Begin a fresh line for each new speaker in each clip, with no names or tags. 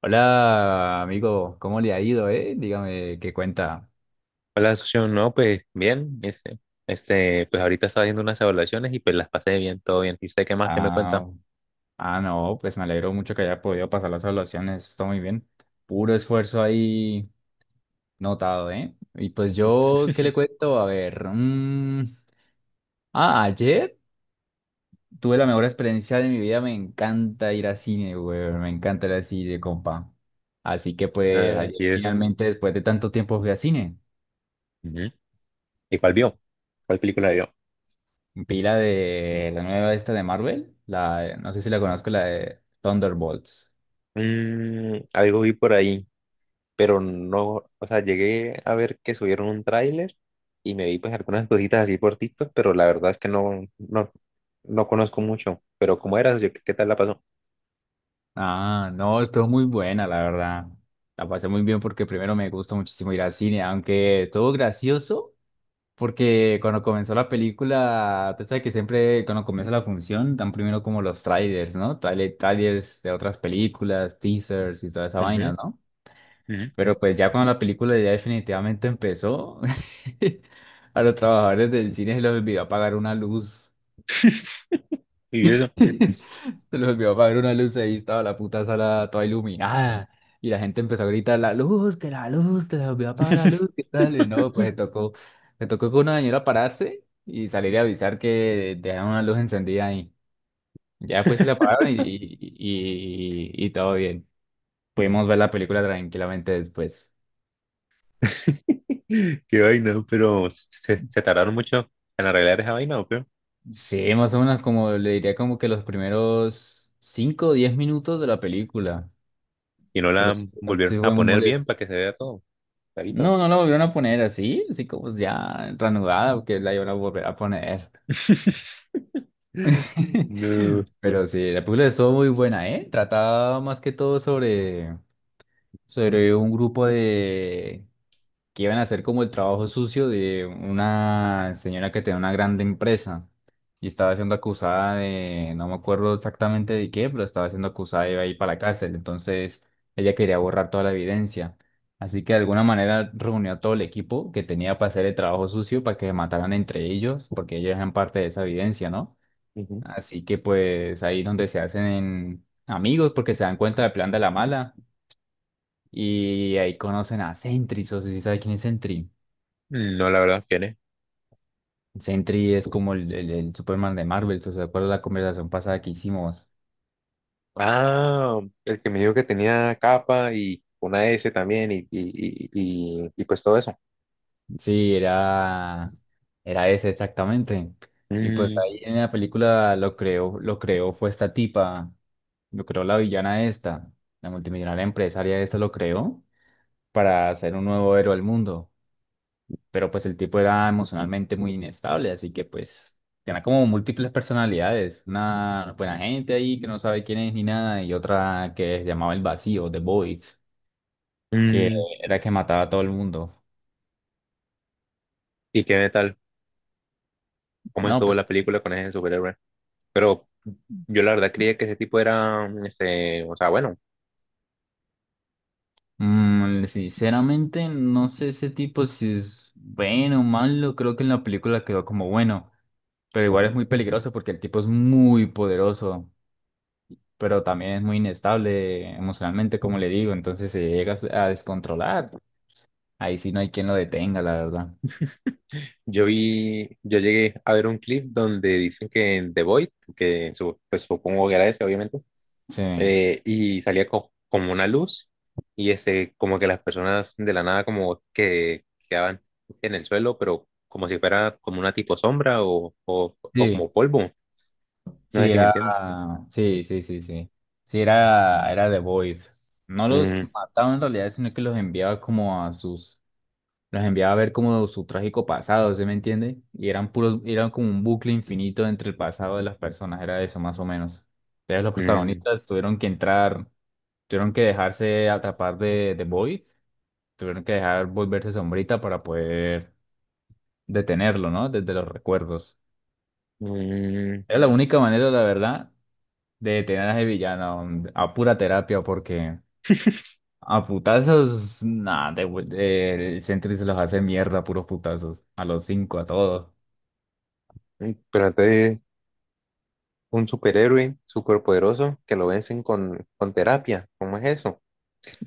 Hola, amigo, ¿cómo le ha ido, eh? Dígame qué cuenta.
Hola, socio. No, pues bien. Pues ahorita estaba haciendo unas evaluaciones y pues las pasé bien, todo bien. ¿Y usted qué más? ¿Qué me cuenta?
Ah, ah, no, pues me alegro mucho que haya podido pasar las evaluaciones, todo muy bien. Puro esfuerzo ahí notado, ¿eh? Y pues yo, ¿qué le cuento? A ver, ayer tuve la mejor experiencia de mi vida, me encanta ir al cine, güey, me encanta ir al cine, compa. Así que pues
Ah, ¿y
ayer
eso?
finalmente, después de tanto tiempo, fui al cine.
Ujú. ¿Y cuál vio? ¿Cuál película vio?
Pila de la nueva esta de Marvel, la, no sé si la conozco, la de Thunderbolts.
Mm, algo vi por ahí, pero no, o sea, llegué a ver que subieron un tráiler y me vi pues algunas cositas así por TikTok, pero la verdad es que no conozco mucho. Pero ¿cómo era, socio? ¿Qué tal la pasó?
Ah, no, estuvo muy buena, la verdad. La pasé muy bien porque primero me gusta muchísimo ir al cine, aunque estuvo gracioso porque cuando comenzó la película, tú sabes que siempre cuando comienza la función dan primero como los trailers, ¿no? Trailers de otras películas, teasers y toda esa vaina,
Ujú,
¿no?
ujú.
Pero pues ya cuando la película ya definitivamente empezó, a los trabajadores del cine se les olvidó apagar una luz.
¿Y eso?
Se les olvidó apagar una luz, ahí estaba la puta sala toda iluminada. Y la gente empezó a gritar, la luz, que la luz, se les olvidó apagar la luz, ¿qué tal? Y no, pues le tocó con una señora pararse y salir a avisar que dejaron una luz encendida ahí. Ya pues se la apagaron y todo bien. Pudimos ver la película tranquilamente después.
Qué vaina, pero se tardaron mucho en arreglar esa vaina, ¿o qué?
Sí, más o menos como le diría como que los primeros 5 o 10 minutos de la película,
¿Y no
pero
la
sí,
volvieron
sí
a
fue muy
poner bien
molesto.
para que se vea todo clarito?
No, no la volvieron a poner así, así como ya reanudada, porque la iban a volver a poner.
No,
Pero sí, la película estuvo muy buena, ¿eh? Trataba más que todo sobre, sobre un grupo de que iban a hacer como el trabajo sucio de una señora que tenía una grande empresa y estaba siendo acusada de, no me acuerdo exactamente de qué, pero estaba siendo acusada de ir para la cárcel. Entonces ella quería borrar toda la evidencia. Así que de alguna manera reunió a todo el equipo que tenía para hacer el trabajo sucio para que se mataran entre ellos, porque ellos eran parte de esa evidencia, ¿no?
ujú.
Así que pues ahí donde se hacen amigos porque se dan cuenta del plan de la mala y ahí conocen a Sentry, o si sabes quién es Sentry.
No, la verdad, ¿quién es?
Sentry es como el Superman de Marvel, ¿se acuerda la conversación pasada que hicimos?
Ah, el que me dijo que tenía capa y una S también y pues todo eso.
Sí, era ese exactamente. Y pues
Mm,
ahí en la película lo creó, fue esta tipa, lo creó la villana esta, la multimillonaria empresaria esta lo creó para hacer un nuevo héroe al mundo. Pero pues el tipo era emocionalmente muy inestable, así que pues tenía como múltiples personalidades. Una buena gente ahí que no sabe quién es ni nada, y otra que se llamaba el vacío, The Void, que
mm.
era que mataba a todo el mundo.
¿Y qué tal? ¿Cómo
No,
estuvo
pues,
la película con ese superhéroe? Pero yo la verdad creía que ese tipo era, este, o sea, bueno.
mm, sinceramente, no sé ese tipo si es bueno o malo. Creo que en la película quedó como bueno, pero igual es muy peligroso porque el tipo es muy poderoso, pero también es muy inestable emocionalmente, como le digo. Entonces se llega a descontrolar. Ahí sí no hay quien lo detenga, la verdad.
Yo vi, yo llegué a ver un clip donde dicen que en The Void, que pues supongo que era ese, obviamente,
Sí,
y salía como una luz, y ese, como que las personas de la nada como que quedaban en el suelo, pero como si fuera como una tipo sombra o
sí,
como polvo. No sé
sí,
si me
era,
entienden.
sí, sí, sí, sí. Sí, era The Voice. No los
Mm,
mataba en realidad, sino que los enviaba como a sus, los enviaba a ver como su trágico pasado, ¿se me entiende? Y eran puros, eran como un bucle infinito entre el pasado de las personas, era eso más o menos. Entonces los
mm,
protagonistas tuvieron que entrar, tuvieron que dejarse atrapar de Void, tuvieron que dejar volverse sombrita para poder detenerlo, ¿no? Desde los recuerdos.
mm.
Era la única manera, la verdad, de detener a ese villano, a pura terapia porque a putazos, nada, el Sentry se los hace mierda, puros putazos, a los cinco, a todos.
Mm, trata de un superhéroe superpoderoso que lo vencen con terapia. ¿Cómo es eso?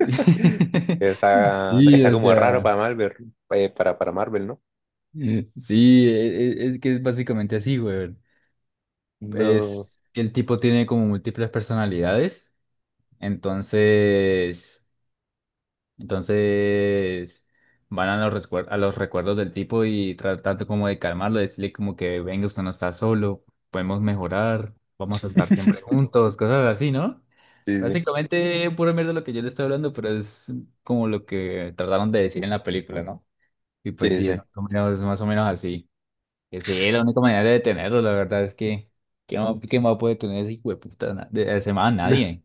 Está,
Sí,
está
o
como raro
sea,
para Marvel, para Marvel, ¿no?
sí, es, que es básicamente así, güey.
No,
Es que el tipo tiene como múltiples personalidades, entonces, entonces van a los, a los recuerdos del tipo y tratando como de calmarlo, decirle como que venga, usted no está solo, podemos mejorar, vamos a estar siempre juntos, cosas así, ¿no?
sí,
Básicamente, pura mierda lo que yo le estoy hablando, pero es como lo que trataron de decir en la película, ¿no? Y pues
sí,
sí, es
sí,
más o menos, es más o menos así. Que sí, es la única manera de detenerlo, la verdad es que quién va a poder tener ese hijo de puta, ese man? Nadie.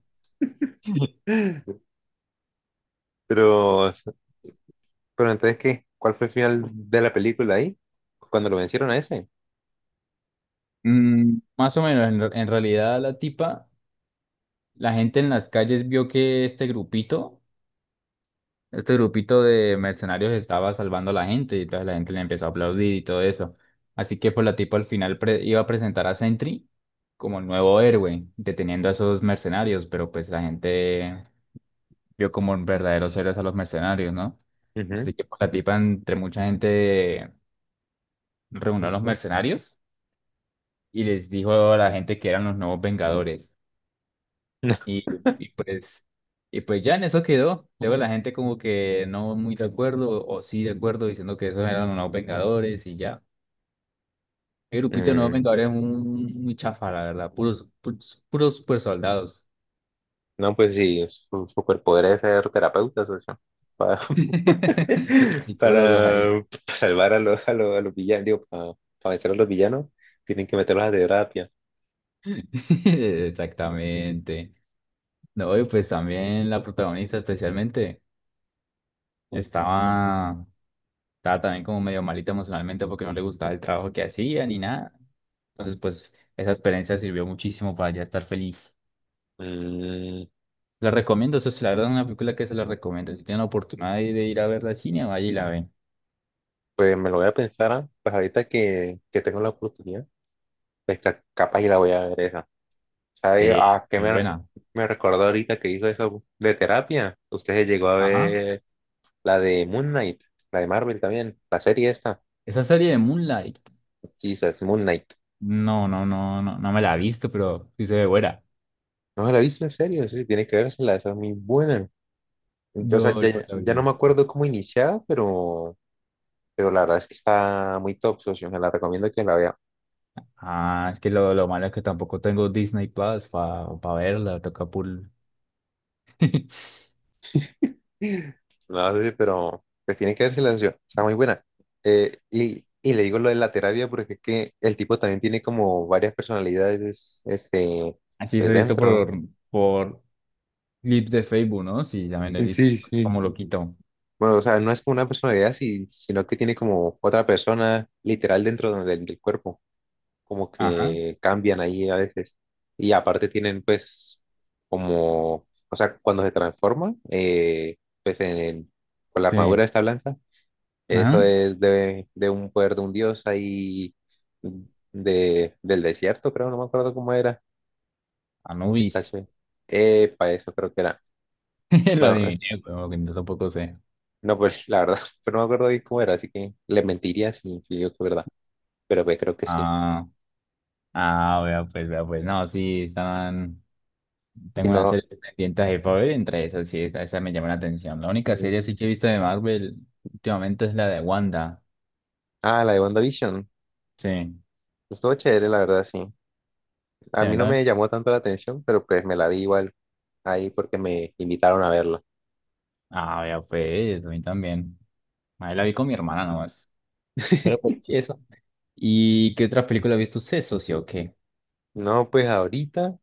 sí. Pero, pero entonces, ¿qué? ¿Cuál fue el final de la película ahí? Cuando lo vencieron a ese.
Mm, más o menos, en realidad la tipa, la gente en las calles vio que este grupito, de mercenarios estaba salvando a la gente y entonces la gente le empezó a aplaudir y todo eso. Así que pues la tipa al final iba a presentar a Sentry como el nuevo héroe, deteniendo a esos mercenarios, pero pues la gente vio como verdaderos héroes a los mercenarios, ¿no?
Ujú.
Así que pues, la tipa, entre mucha gente, reunió a los mercenarios y les dijo a la gente que eran los nuevos Vengadores. Y, y pues, y pues ya en eso quedó. Luego la gente como que no muy de acuerdo o sí de acuerdo diciendo que esos eran los nuevos Vengadores y ya. El grupito de nuevos
Mm,
Vengadores es muy chafa, la verdad. Puros, puros, puros super soldados.
no, pues sí, su superpoder es ser terapeuta, socio. Para,
Psicólogos ahí.
para salvar a los villanos, digo, para meter a los villanos, tienen que meterlos a terapia.
Exactamente. No, y pues también la protagonista especialmente estaba, estaba también como medio malita emocionalmente porque no le gustaba el trabajo que hacía ni nada. Entonces, pues esa experiencia sirvió muchísimo para ya estar feliz.
Mm,
La recomiendo, eso es la verdad, es una película que se la recomiendo. Si tienen la oportunidad de ir a verla al cine, vaya y la ven.
pues me lo voy a pensar. Ah, pues ahorita que tengo la oportunidad, pues capaz y la voy a ver esa. ¿Sabe
Sí,
a qué
es
me,
buena.
me recordó ahorita que hizo eso de terapia? Usted se llegó a
Ajá.
ver la de Moon Knight, la de Marvel también, la serie esta.
Esa serie de Moonlight.
Jesus, Moon Knight.
No, no, no, no, no me la he visto, pero sí se ve buena.
¿No la viste en serio? Sí, tiene que la esa es muy buena. Yo, o
No,
sea,
no me
ya,
la he
ya no me
visto.
acuerdo cómo iniciaba, pero la verdad es que está muy top, socio, me la recomiendo que la vea.
Ah, es que lo malo es que tampoco tengo Disney Plus para verla, toca por...
No, sí, pero pues tiene que verse la sesión, está muy buena. Y le digo lo de la terapia porque es que el tipo también tiene como varias personalidades, este,
Así
pues
se hizo
dentro.
por clips de Facebook, ¿no? Sí, ya me lo he visto,
Sí, sí.
como lo quito.
Bueno, o sea, no es como una personalidad, sino que tiene como otra persona literal dentro del cuerpo, como
Ajá,
que cambian ahí a veces. Y aparte tienen pues como, o sea, cuando se transforma pues en, con la
sí,
armadura esta blanca, eso
ajá,
es de un poder de un dios ahí de, del desierto, creo, no me acuerdo cómo era. Está
Anubis,
chévere. Epa, eso creo que era.
lo
Bueno,
adiviné, pero que no tampoco sé.
no, pues la verdad, pero no me acuerdo bien cómo era, así que le mentiría si, si digo que es verdad. Pero pues creo que sí.
Ah, ah, vea pues, no, sí, estaban...
Si
Tengo una
no,
serie pendiente de Marvel, entre esas sí, esa me llama la atención. La única serie sí
mm,
que he visto de Marvel últimamente es la de Wanda,
ah, la de WandaVision.
sí.
Estuvo chévere, la verdad, sí. A
Sí, a
mí
mí
no
también.
me llamó tanto la atención, pero pues me la vi igual ahí porque me invitaron a verla.
Ah, ya pues, a mí también. Ahí la vi con mi hermana nomás. Pero pues, ¿y eso? ¿Y qué otra película ha visto usted, socio? ¿O qué?
No, pues ahorita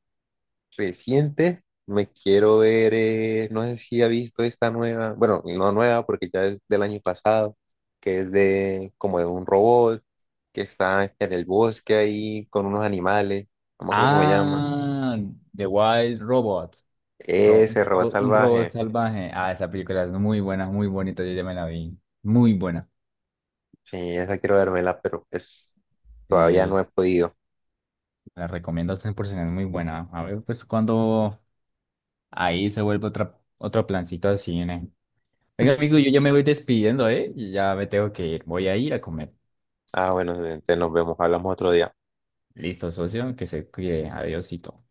reciente, me quiero ver, no sé si ha visto esta nueva, bueno, no nueva porque ya es del año pasado, que es de como de un robot que está en el bosque ahí con unos animales, no me acuerdo cómo se llama.
Ah, The Wild Robot. Ro-
Ese robot
un robot
salvaje,
salvaje. Ah, esa película es muy buena, muy bonita. Yo ya me la vi. Muy buena.
sí, esa quiero vérmela pero es, todavía no
Sí,
he podido.
la recomiendo al 100%, es muy buena. A ver, pues cuando ahí se vuelve otra, otro plancito al cine. Venga, amigo, yo ya me voy despidiendo, ¿eh? Ya me tengo que ir. Voy a ir a comer.
Ah, bueno, entonces nos vemos, hablamos otro día.
Listo, socio, que se cuide. Adiósito.